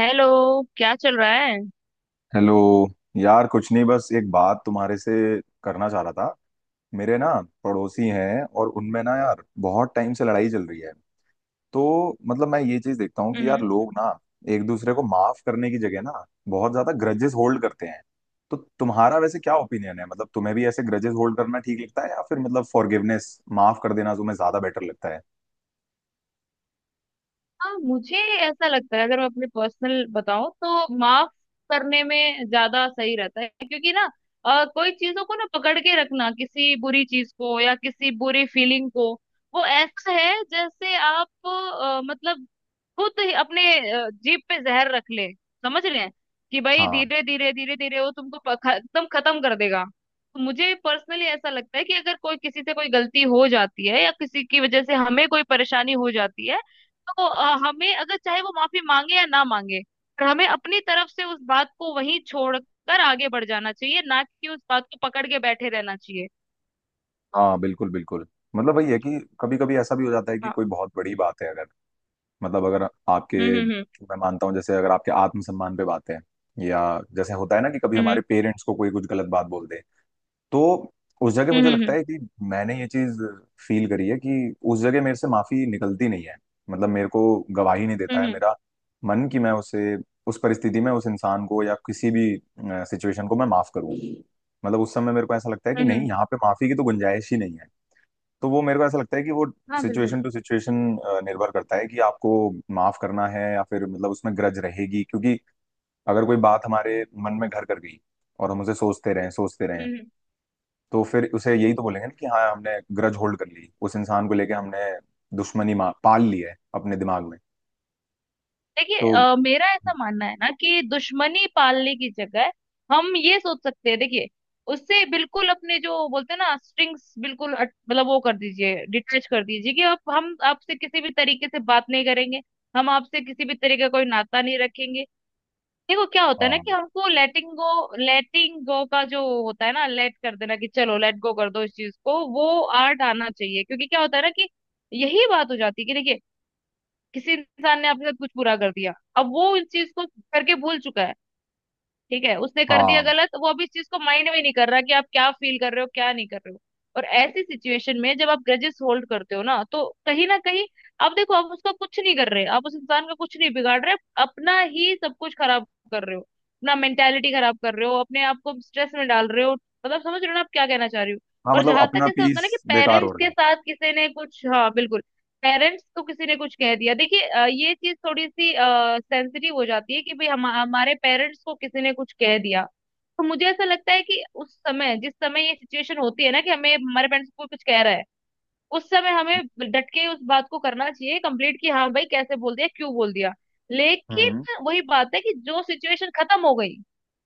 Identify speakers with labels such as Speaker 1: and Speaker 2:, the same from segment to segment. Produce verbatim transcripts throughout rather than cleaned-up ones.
Speaker 1: Hello. क्या चल रहा है?
Speaker 2: हेलो। यार कुछ नहीं, बस एक बात तुम्हारे से करना चाह रहा था। मेरे ना पड़ोसी हैं, और उनमें ना यार बहुत टाइम से लड़ाई चल रही है। तो मतलब मैं ये चीज देखता हूँ कि यार
Speaker 1: हम्म।
Speaker 2: लोग ना एक दूसरे को माफ करने की जगह ना बहुत ज्यादा ग्रजेस होल्ड करते हैं। तो तुम्हारा वैसे क्या ओपिनियन है, मतलब तुम्हें भी ऐसे ग्रजेस होल्ड करना ठीक लगता है या फिर मतलब फॉरगिवनेस, माफ कर देना तुम्हें ज्यादा बेटर लगता है।
Speaker 1: हाँ, मुझे ऐसा लगता है, अगर मैं अपने पर्सनल बताऊं तो माफ करने में ज्यादा सही रहता है, क्योंकि ना अ, कोई चीजों को ना पकड़ के रखना किसी बुरी चीज को या किसी बुरी फीलिंग को, वो ऐसा है जैसे आप अ, मतलब खुद ही अपने अ, जीभ पे जहर रख ले, समझ रहे हैं कि भाई
Speaker 2: हाँ,
Speaker 1: धीरे धीरे धीरे धीरे वो तुमको प- ख- एकदम खत्म कर देगा। तो मुझे पर्सनली ऐसा लगता है कि अगर कोई किसी से कोई गलती हो जाती है या किसी की वजह से हमें कोई परेशानी हो जाती है, तो अ, हमें, अगर चाहे वो माफी मांगे या ना मांगे, पर हमें अपनी तरफ से उस बात को वहीं छोड़कर आगे बढ़ जाना चाहिए, ना कि उस बात को पकड़ के बैठे रहना चाहिए।
Speaker 2: हाँ बिल्कुल बिल्कुल। मतलब वही है कि कभी कभी ऐसा भी हो जाता है कि
Speaker 1: हाँ।
Speaker 2: कोई बहुत बड़ी बात है। अगर मतलब अगर
Speaker 1: हम्म।
Speaker 2: आपके,
Speaker 1: हम्म।
Speaker 2: मैं मानता हूँ जैसे अगर आपके आत्मसम्मान पे बात है, या जैसे होता है ना कि कभी
Speaker 1: हम्म।
Speaker 2: हमारे पेरेंट्स को कोई कुछ गलत बात बोल दे, तो उस जगह
Speaker 1: हम्म।
Speaker 2: मुझे लगता
Speaker 1: हम्म।
Speaker 2: है कि मैंने ये चीज फील करी है कि उस जगह मेरे से माफी निकलती नहीं है। मतलब मेरे को गवाही नहीं देता
Speaker 1: हम्म।
Speaker 2: है
Speaker 1: हम्म। हम्म।
Speaker 2: मेरा मन कि मैं उसे उस परिस्थिति में उस इंसान को या किसी भी सिचुएशन को मैं माफ करूं। मतलब उस समय मेरे को ऐसा लगता है कि
Speaker 1: हम्म, हम्म,
Speaker 2: नहीं, यहाँ पे माफी की तो गुंजाइश ही नहीं है। तो वो मेरे को ऐसा लगता है कि वो
Speaker 1: हाँ, बिल्कुल।
Speaker 2: सिचुएशन टू सिचुएशन निर्भर करता है कि आपको माफ करना है या फिर मतलब उसमें ग्रज रहेगी। क्योंकि अगर कोई बात हमारे मन में घर कर गई और हम उसे सोचते रहें सोचते रहें
Speaker 1: हम्म। हम्म।
Speaker 2: तो फिर उसे यही तो बोलेंगे ना कि हाँ, हमने ग्रज होल्ड कर ली उस इंसान को लेके, हमने दुश्मनी मा- पाल ली है अपने दिमाग में।
Speaker 1: देखिए,
Speaker 2: तो
Speaker 1: अ, मेरा ऐसा मानना है ना, कि दुश्मनी पालने की जगह हम ये सोच सकते हैं। देखिए, उससे बिल्कुल अपने, जो बोलते हैं ना, स्ट्रिंग्स बिल्कुल अट- मतलब वो कर दीजिए, डिटैच कर दीजिए, कि अब हम आपसे किसी भी तरीके से बात नहीं करेंगे, हम आपसे किसी भी तरीके का कोई नाता नहीं रखेंगे। देखो क्या होता है ना,
Speaker 2: हाँ,
Speaker 1: कि हमको लेटिंग गो, लेटिंग गो का जो होता है ना, लेट कर देना कि चलो लेट गो कर दो इस चीज को, वो आर्ट आना चाहिए। क्योंकि क्या होता है ना कि यही बात हो जाती है, कि देखिए, किसी इंसान ने आपके साथ कुछ बुरा कर दिया, अब वो इस चीज को करके भूल चुका है। ठीक है, उसने कर दिया
Speaker 2: हाँ
Speaker 1: गलत, वो अब इस चीज को माइंड में नहीं कर रहा कि आप क्या फील कर रहे हो, क्या नहीं कर रहे हो। और ऐसी सिचुएशन में जब आप ग्रजेस होल्ड करते हो ना, तो कहीं ना कहीं आप, देखो, आप उसका कुछ नहीं कर रहे, आप उस इंसान का कुछ नहीं बिगाड़ रहे, आप अपना ही सब कुछ खराब कर रहे हो, अपना मेंटेलिटी खराब कर रहे हो, अपने आप को स्ट्रेस में डाल रहे हो। मतलब समझ रहे हो ना आप क्या कहना चाह रही हो।
Speaker 2: हाँ।
Speaker 1: और
Speaker 2: मतलब
Speaker 1: जहां तक
Speaker 2: अपना
Speaker 1: ऐसा होता है
Speaker 2: पीस
Speaker 1: ना कि
Speaker 2: बेकार हो
Speaker 1: पेरेंट्स
Speaker 2: रहा है।
Speaker 1: के साथ किसी ने कुछ, हाँ बिल्कुल, पेरेंट्स को किसी ने कुछ कह दिया, देखिए अ, ये चीज थोड़ी सी सेंसिटिव हो जाती है कि भाई हम, हमारे पेरेंट्स को किसी ने कुछ कह दिया, तो मुझे ऐसा लगता है कि उस समय, जिस समय ये सिचुएशन होती है ना कि हमें, हमारे पेरेंट्स को कुछ कह रहा है, उस समय हमें डट के उस बात को करना चाहिए कंप्लीट, कि हाँ भाई कैसे बोल दिया, क्यों बोल दिया।
Speaker 2: हम्म।
Speaker 1: लेकिन वही बात है कि जो सिचुएशन खत्म हो गई,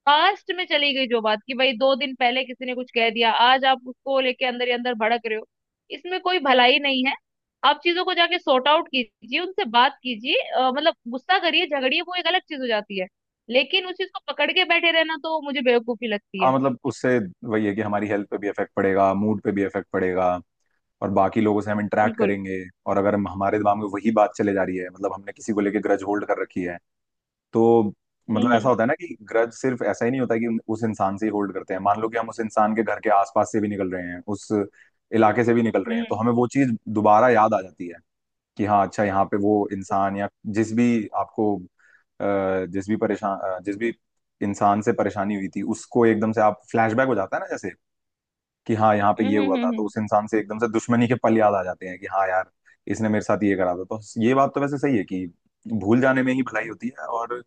Speaker 1: पास्ट में चली गई, जो बात कि भाई दो दिन पहले किसी ने कुछ कह दिया, आज आप उसको लेके अंदर ही अंदर भड़क रहे हो, इसमें कोई भलाई नहीं है। आप चीजों को जाके सॉर्ट आउट कीजिए, उनसे बात कीजिए, अ, मतलब गुस्सा करिए, झगड़िए, वो एक अलग चीज हो जाती है। लेकिन उस चीज को पकड़ के बैठे रहना तो मुझे बेवकूफी लगती
Speaker 2: हाँ
Speaker 1: है।
Speaker 2: मतलब उससे वही है कि हमारी हेल्थ पे भी इफेक्ट पड़ेगा, मूड पे भी इफेक्ट पड़ेगा और बाकी लोगों से हम इंटरेक्ट
Speaker 1: बिल्कुल।
Speaker 2: करेंगे। और अगर हम हमारे दिमाग में वही बात चले जा रही है मतलब हमने किसी को लेके ग्रज होल्ड कर रखी है, तो मतलब ऐसा
Speaker 1: हम्म।
Speaker 2: होता है ना कि ग्रज सिर्फ ऐसा ही नहीं होता कि उन- उस इंसान से ही होल्ड करते हैं। मान लो कि हम उस इंसान के घर के आसपास से भी निकल रहे हैं, उस इलाके से भी निकल रहे
Speaker 1: हम्म।
Speaker 2: हैं, तो
Speaker 1: हम्म।
Speaker 2: हमें वो चीज दोबारा याद आ जाती है कि हाँ अच्छा, यहाँ पे वो इंसान, या जिस भी आपको अ, जिस भी परेशान अ, जिस भी इंसान से परेशानी हुई थी उसको एकदम से आप फ्लैशबैक हो जाता है ना, जैसे कि हाँ यहाँ पे
Speaker 1: हम्म।
Speaker 2: ये हुआ
Speaker 1: हम्म।
Speaker 2: था।
Speaker 1: हम्म,
Speaker 2: तो
Speaker 1: हम्म।
Speaker 2: उस इंसान से एकदम से दुश्मनी के पल याद आ जाते हैं कि हाँ यार, इसने मेरे साथ ये करा था। तो ये बात तो वैसे सही है कि भूल जाने में ही भलाई होती है और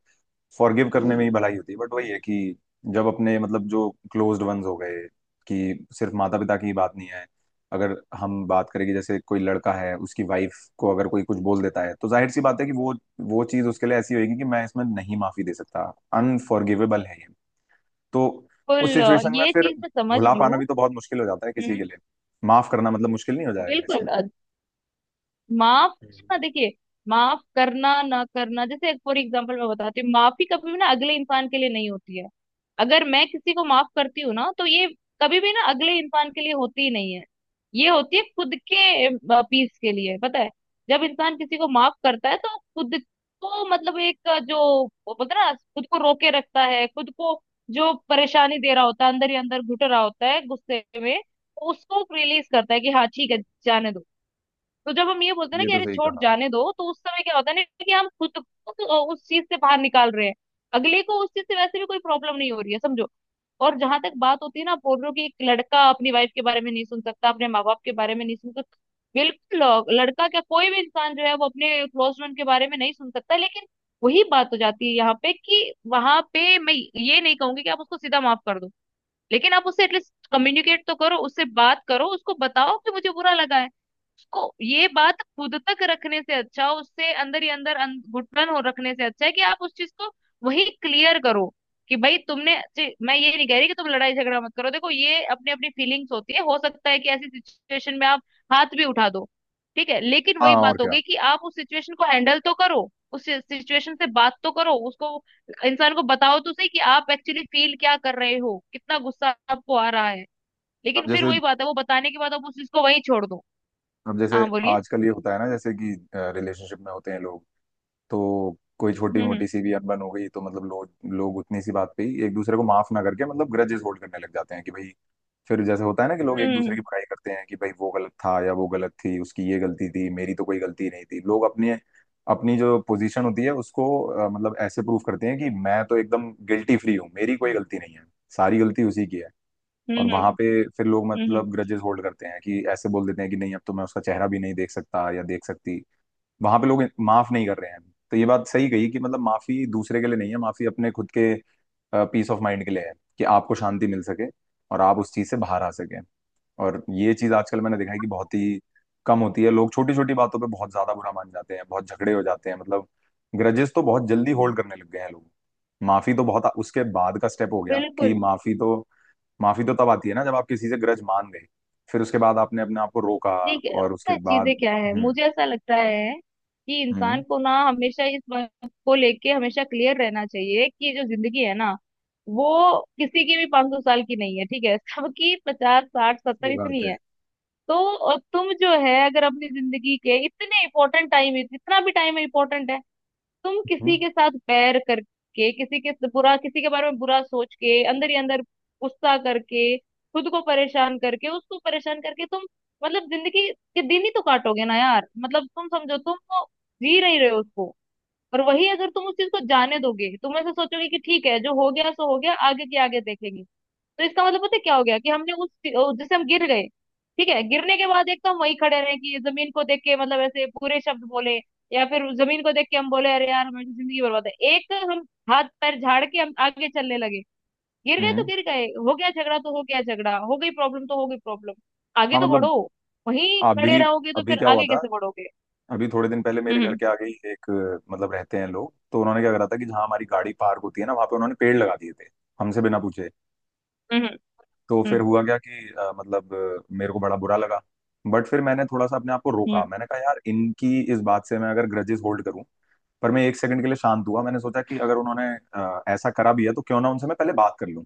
Speaker 2: फॉरगिव करने में ही भलाई होती है। बट वही है कि जब अपने, मतलब जो क्लोज्ड वंस हो गए, कि सिर्फ माता पिता की ही बात नहीं है, अगर हम बात करें कि जैसे कोई लड़का है, उसकी वाइफ को अगर कोई कुछ बोल देता है, तो जाहिर सी बात है कि वो वो चीज उसके लिए ऐसी होगी कि मैं इसमें नहीं माफी दे सकता, अनफॉरगिवेबल है ये। तो उस
Speaker 1: बिल्कुल, अ,
Speaker 2: सिचुएशन में
Speaker 1: ये
Speaker 2: फिर
Speaker 1: चीज मैं समझ
Speaker 2: भुला
Speaker 1: रही
Speaker 2: पाना
Speaker 1: हूँ।
Speaker 2: भी तो बहुत मुश्किल हो जाता है किसी के
Speaker 1: हम्म।
Speaker 2: लिए। माफ करना मतलब मुश्किल नहीं हो जाएगा
Speaker 1: बिल्कुल,
Speaker 2: इसमें।
Speaker 1: अ, माफ
Speaker 2: हम्म।
Speaker 1: करना, देखिए, माफ करना ना करना, जैसे फॉर एग्जांपल मैं बताती हूँ, माफी कभी भी ना अगले इंसान के लिए नहीं होती है। अगर मैं किसी को माफ करती हूँ ना, तो ये कभी भी ना अगले इंसान के लिए होती ही नहीं है। ये होती है खुद के पीस के लिए, पता है? जब इंसान किसी को माफ करता है तो वो खुद को, मतलब एक अ, जो वो बोलते हैं ना, खुद को रोके रखता है, खुद को, जो परेशानी दे रहा होता है, अंदर ही अंदर घुट रहा होता है गुस्से में, तो उसको रिलीज करता है कि हाँ ठीक है, जाने दो। तो जब हम ये बोलते हैं ना
Speaker 2: ये
Speaker 1: कि
Speaker 2: तो
Speaker 1: अरे
Speaker 2: सही
Speaker 1: छोड़,
Speaker 2: कहा।
Speaker 1: जाने दो, तो उस समय क्या होता है ना, कि हम खुद को उस चीज से बाहर निकाल रहे हैं। अगले को उस चीज से वैसे भी कोई प्रॉब्लम नहीं हो रही है, समझो। और जहां तक बात होती है ना, आप बोल रहे हो कि एक लड़का अपनी वाइफ के बारे में नहीं सुन सकता, अपने माँ बाप के बारे में नहीं सुन सकता। बिल्कुल, अ, लड़का क्या, कोई भी इंसान जो है वो अपने क्लोज फ्रेंड के बारे में नहीं सुन सकता। लेकिन वही बात हो जाती है यहाँ पे कि वहां पे मैं ये नहीं कहूंगी कि आप उसको सीधा माफ कर दो। लेकिन आप उससे एटलीस्ट कम्युनिकेट तो करो, उससे बात करो, उसको बताओ कि मुझे बुरा लगा है। उसको ये बात खुद तक रखने से अच्छा, उससे अंदर ही अंदर अन- घुटन हो रखने से, अच्छा है कि आप उस चीज को वही क्लियर करो, कि भाई तुमने जे- मैं ये नहीं कह रही कि तुम लड़ाई झगड़ा मत करो। देखो ये अपनी अपनी फीलिंग्स होती है, हो सकता है कि ऐसी सिचुएशन में आप हाथ भी उठा दो, ठीक है, लेकिन
Speaker 2: हाँ,
Speaker 1: वही
Speaker 2: और
Speaker 1: बात हो
Speaker 2: क्या।
Speaker 1: गई कि आप उस सिचुएशन को हैंडल तो करो, उस सिचुएशन से बात तो करो उसको, इंसान को बताओ तो सही कि आप एक्चुअली फील क्या कर रहे हो, कितना गुस्सा आपको आ रहा है।
Speaker 2: अब
Speaker 1: लेकिन फिर
Speaker 2: जैसे
Speaker 1: वही बात है, वो बताने के बाद आप उस चीज को वहीं छोड़ दो।
Speaker 2: अब जैसे
Speaker 1: हाँ बोलिए।
Speaker 2: आजकल ये होता है ना जैसे कि रिलेशनशिप में होते हैं लोग, तो कोई छोटी
Speaker 1: हम्म।
Speaker 2: मोटी सी भी अनबन हो गई तो मतलब लोग लोग उतनी सी बात पे ही एक दूसरे को माफ ना करके मतलब ग्रजेस होल्ड करने लग जाते हैं कि भाई, फिर जैसे होता है ना कि लोग एक दूसरे
Speaker 1: हम्म।
Speaker 2: की बुराई करते हैं कि भाई वो गलत था या वो गलत थी, उसकी ये गलती थी, मेरी तो कोई गलती नहीं थी। लोग अपने, अपनी जो पोजीशन होती है उसको अ, मतलब ऐसे प्रूव करते हैं कि मैं तो एकदम गिल्टी फ्री हूँ, मेरी कोई गलती नहीं है, सारी गलती उसी की है। और
Speaker 1: हम्म।
Speaker 2: वहां
Speaker 1: हम्म।
Speaker 2: पे फिर लोग
Speaker 1: हम्म।
Speaker 2: मतलब ग्रजेस होल्ड करते हैं कि ऐसे बोल देते हैं कि नहीं, अब तो मैं उसका चेहरा भी नहीं देख सकता या देख सकती। वहां पे लोग माफ नहीं कर रहे हैं। तो ये बात सही कही कि मतलब माफी दूसरे के लिए नहीं है, माफी अपने खुद के पीस ऑफ माइंड के लिए है, कि आपको शांति मिल सके और आप उस चीज से बाहर आ सके। और ये चीज आजकल मैंने देखा है कि बहुत ही कम होती है। लोग छोटी छोटी बातों पे बहुत ज्यादा बुरा मान जाते हैं, बहुत झगड़े हो जाते हैं, मतलब ग्रजेस तो बहुत जल्दी होल्ड करने लग गए हैं लोग। माफी तो बहुत उसके बाद का स्टेप हो गया कि
Speaker 1: बिल्कुल।
Speaker 2: माफी तो माफी तो तब आती है ना जब आप किसी से ग्रज मान गए, फिर उसके बाद आपने अपने आप को रोका
Speaker 1: ठीक है,
Speaker 2: और
Speaker 1: पता
Speaker 2: उसके
Speaker 1: है
Speaker 2: बाद।
Speaker 1: चीजें क्या है,
Speaker 2: हम्म।
Speaker 1: मुझे ऐसा लगता है कि इंसान
Speaker 2: हम्म,
Speaker 1: को ना हमेशा इस बात को लेके हमेशा क्लियर रहना चाहिए कि जो जिंदगी है ना, वो किसी की भी पांच सौ साल की नहीं है, ठीक है, सबकी पचास, साठ,
Speaker 2: ये
Speaker 1: सत्तर
Speaker 2: बात
Speaker 1: इतनी
Speaker 2: है।
Speaker 1: है। तो अ, तुम जो है, अगर अपनी जिंदगी के इतने इम्पोर्टेंट टाइम, इतना भी टाइम इम्पोर्टेंट है, तुम
Speaker 2: हम्म,
Speaker 1: किसी के साथ बैर करके, किसी के बुरा, किसी के बारे में बुरा सोच के, अंदर ही अंदर गुस्सा करके, खुद को परेशान करके, उसको परेशान करके, तुम मतलब जिंदगी के दिन ही तो काटोगे ना यार। मतलब तुम समझो, तुम वो जी नहीं रहे हो उसको। और वही अगर तुम उस चीज को जाने दोगे, तुम ऐसे सोचोगे कि ठीक है जो हो गया सो हो गया, आगे के आगे देखेंगे, तो इसका मतलब पता है क्या हो गया कि हमने उस, जैसे हम गिर गए, ठीक है, गिरने के बाद एक तो हम वहीं खड़े रहे कि जमीन को देख के मतलब ऐसे पूरे शब्द बोले, या फिर जमीन को देख के हम बोले अरे यार हमारी तो जिंदगी बर्बाद है, एक हम हाथ पैर झाड़ के हम आगे चलने लगे। गिर गए तो
Speaker 2: हम्म।
Speaker 1: गिर गए, हो गया झगड़ा तो हो गया झगड़ा, हो गई प्रॉब्लम तो हो गई प्रॉब्लम, आगे
Speaker 2: हाँ
Speaker 1: तो
Speaker 2: मतलब,
Speaker 1: बढ़ो। वहीं खड़े
Speaker 2: अभी
Speaker 1: रहोगे तो
Speaker 2: अभी
Speaker 1: फिर
Speaker 2: क्या हुआ
Speaker 1: आगे
Speaker 2: था,
Speaker 1: कैसे बढ़ोगे?
Speaker 2: अभी थोड़े दिन पहले मेरे घर
Speaker 1: हम्म।
Speaker 2: के आगे ही एक, अ, मतलब रहते हैं लोग, तो उन्होंने क्या करा था कि जहाँ हमारी गाड़ी पार्क होती है ना वहां पे उन्होंने पेड़ लगा दिए थे हमसे बिना पूछे।
Speaker 1: हम्म। हम्म।
Speaker 2: तो फिर हुआ क्या कि अ, मतलब अ, मेरे को बड़ा बुरा लगा। बट फिर मैंने थोड़ा सा अपने आप को
Speaker 1: हम्म।
Speaker 2: रोका,
Speaker 1: हम्म,
Speaker 2: मैंने कहा यार, इनकी इस बात से मैं अगर ग्रजेस होल्ड करूं, पर मैं एक सेकंड के लिए शांत हुआ, मैंने सोचा कि अगर उन्होंने अ, ऐसा करा भी है तो क्यों ना उनसे मैं पहले बात कर लूं,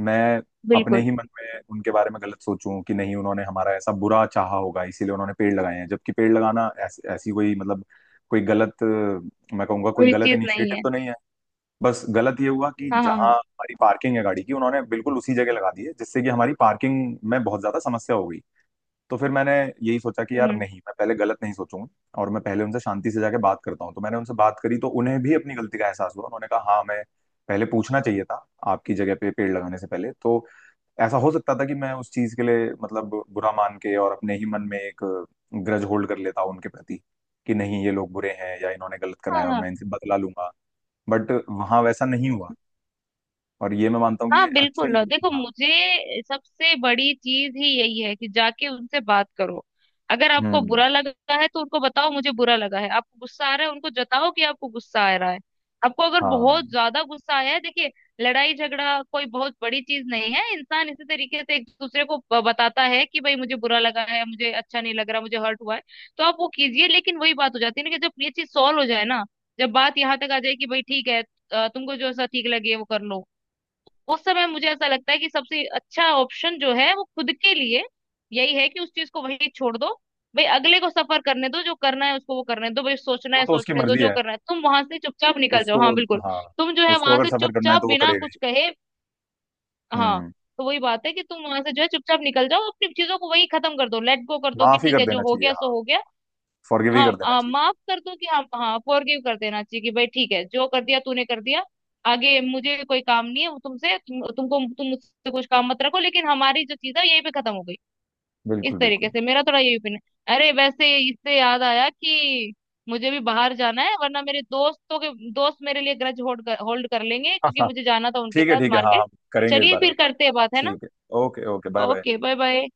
Speaker 2: मैं अपने
Speaker 1: बिल्कुल,
Speaker 2: ही मन में उनके बारे में गलत सोचूं कि नहीं, उन्होंने हमारा ऐसा बुरा चाहा होगा इसीलिए उन्होंने पेड़ लगाए हैं, जबकि पेड़ लगाना ऐस, ऐसी कोई मतलब कोई गलत, अ, मैं कहूंगा कोई
Speaker 1: बुरी
Speaker 2: गलत
Speaker 1: चीज नहीं
Speaker 2: इनिशिएटिव
Speaker 1: है।
Speaker 2: तो नहीं है। बस गलत ये हुआ कि
Speaker 1: हाँ हाँ
Speaker 2: जहां
Speaker 1: हाँ।
Speaker 2: हमारी पार्किंग है गाड़ी की, उन्होंने बिल्कुल उसी जगह लगा दी है जिससे कि हमारी पार्किंग में बहुत ज्यादा समस्या हो गई। तो फिर मैंने यही सोचा कि यार
Speaker 1: हम्म।
Speaker 2: नहीं, मैं पहले गलत नहीं सोचूंगा और मैं पहले उनसे शांति से जाके बात करता हूँ। तो मैंने उनसे बात करी तो उन्हें भी अपनी गलती का एहसास हुआ, उन्होंने कहा हाँ, मैं पहले पूछना चाहिए था आपकी जगह पे पेड़ लगाने से पहले। तो ऐसा हो सकता था कि मैं उस चीज के लिए मतलब बुरा मान के और अपने ही मन में एक ग्रज होल्ड कर लेता उनके प्रति कि नहीं, ये लोग बुरे हैं या इन्होंने गलत करा
Speaker 1: हाँ
Speaker 2: है और
Speaker 1: हाँ
Speaker 2: मैं इनसे बदला लूंगा। बट वहां वैसा नहीं हुआ, और ये मैं मानता हूँ कि ये
Speaker 1: हाँ,
Speaker 2: अच्छा ही
Speaker 1: बिल्कुल। और देखो,
Speaker 2: हुआ। हाँ।
Speaker 1: मुझे सबसे बड़ी चीज ही यही है कि जाके उनसे बात करो। अगर आपको
Speaker 2: हम्म।
Speaker 1: बुरा लगा है तो उनको बताओ मुझे बुरा लगा है, आपको गुस्सा आ रहा है, उनको जताओ कि आपको गुस्सा आ रहा है। आपको अगर
Speaker 2: हाँ,
Speaker 1: बहुत ज्यादा गुस्सा आया है, देखिए, लड़ाई झगड़ा कोई बहुत बड़ी चीज नहीं है, इंसान इसी तरीके से एक दूसरे को ब- बताता है कि भाई मुझे बुरा लगा है, मुझे अच्छा नहीं लग रहा, मुझे हर्ट हुआ है। तो आप वो कीजिए, लेकिन वही बात हो जाती है ना कि जब ये चीज सॉल्व हो जाए ना, जब बात यहाँ तक आ जाए कि भाई ठीक है, अ, तुमको जो ऐसा ठीक लगे वो कर लो, उस समय मुझे ऐसा लगता है कि सबसे अच्छा ऑप्शन जो है वो खुद के लिए यही है कि उस चीज को वही छोड़ दो। भाई अगले को सफर करने दो, जो करना है उसको वो करने दो, भाई सोचना
Speaker 2: वो
Speaker 1: है
Speaker 2: तो उसकी
Speaker 1: सोचने दो,
Speaker 2: मर्जी
Speaker 1: जो
Speaker 2: है।
Speaker 1: करना है, तुम वहां से चुपचाप निकल जाओ।
Speaker 2: उसको,
Speaker 1: हाँ बिल्कुल,
Speaker 2: हाँ,
Speaker 1: तुम जो है
Speaker 2: उसको
Speaker 1: वहां
Speaker 2: अगर
Speaker 1: से
Speaker 2: सफर करना है
Speaker 1: चुपचाप
Speaker 2: तो वो
Speaker 1: बिना
Speaker 2: करेगा ही।
Speaker 1: कुछ कहे, हाँ,
Speaker 2: हम्म।
Speaker 1: तो वही बात है कि तुम वहां से जो है चुपचाप निकल जाओ, अपनी चीजों को वही खत्म कर दो, लेट गो कर दो कि
Speaker 2: माफ ही
Speaker 1: ठीक
Speaker 2: कर
Speaker 1: है जो
Speaker 2: देना
Speaker 1: हो
Speaker 2: चाहिए,
Speaker 1: गया
Speaker 2: हाँ,
Speaker 1: सो हो गया।
Speaker 2: फॉरगिव ही
Speaker 1: हाँ
Speaker 2: कर देना
Speaker 1: हाँ,
Speaker 2: चाहिए।
Speaker 1: माफ कर दो कि हाँ हाँ, फॉरगिव कर देना चाहिए कि भाई ठीक है, जो कर दिया तूने कर दिया, आगे मुझे कोई काम नहीं है वो तुमसे, तुम, तुमको तुम मुझसे कुछ काम मत रखो, लेकिन हमारी जो चीज है यहीं पे खत्म हो गई। इस
Speaker 2: बिल्कुल
Speaker 1: तरीके
Speaker 2: बिल्कुल।
Speaker 1: से मेरा थोड़ा यही ओपिनियन है। अरे वैसे इससे याद आया कि मुझे भी बाहर जाना है, वरना मेरे दोस्तों के दोस्त मेरे लिए ग्रज होल्ड कर, होल्ड कर लेंगे,
Speaker 2: हाँ
Speaker 1: क्योंकि
Speaker 2: हाँ,
Speaker 1: मुझे जाना था उनके
Speaker 2: ठीक है
Speaker 1: साथ
Speaker 2: ठीक है, हाँ
Speaker 1: मार्केट।
Speaker 2: हम करेंगे इस
Speaker 1: चलिए
Speaker 2: बारे में
Speaker 1: फिर
Speaker 2: बात।
Speaker 1: करते हैं बात, है ना।
Speaker 2: ठीक है, okay okay, bye
Speaker 1: okay
Speaker 2: bye.
Speaker 1: Bye bye.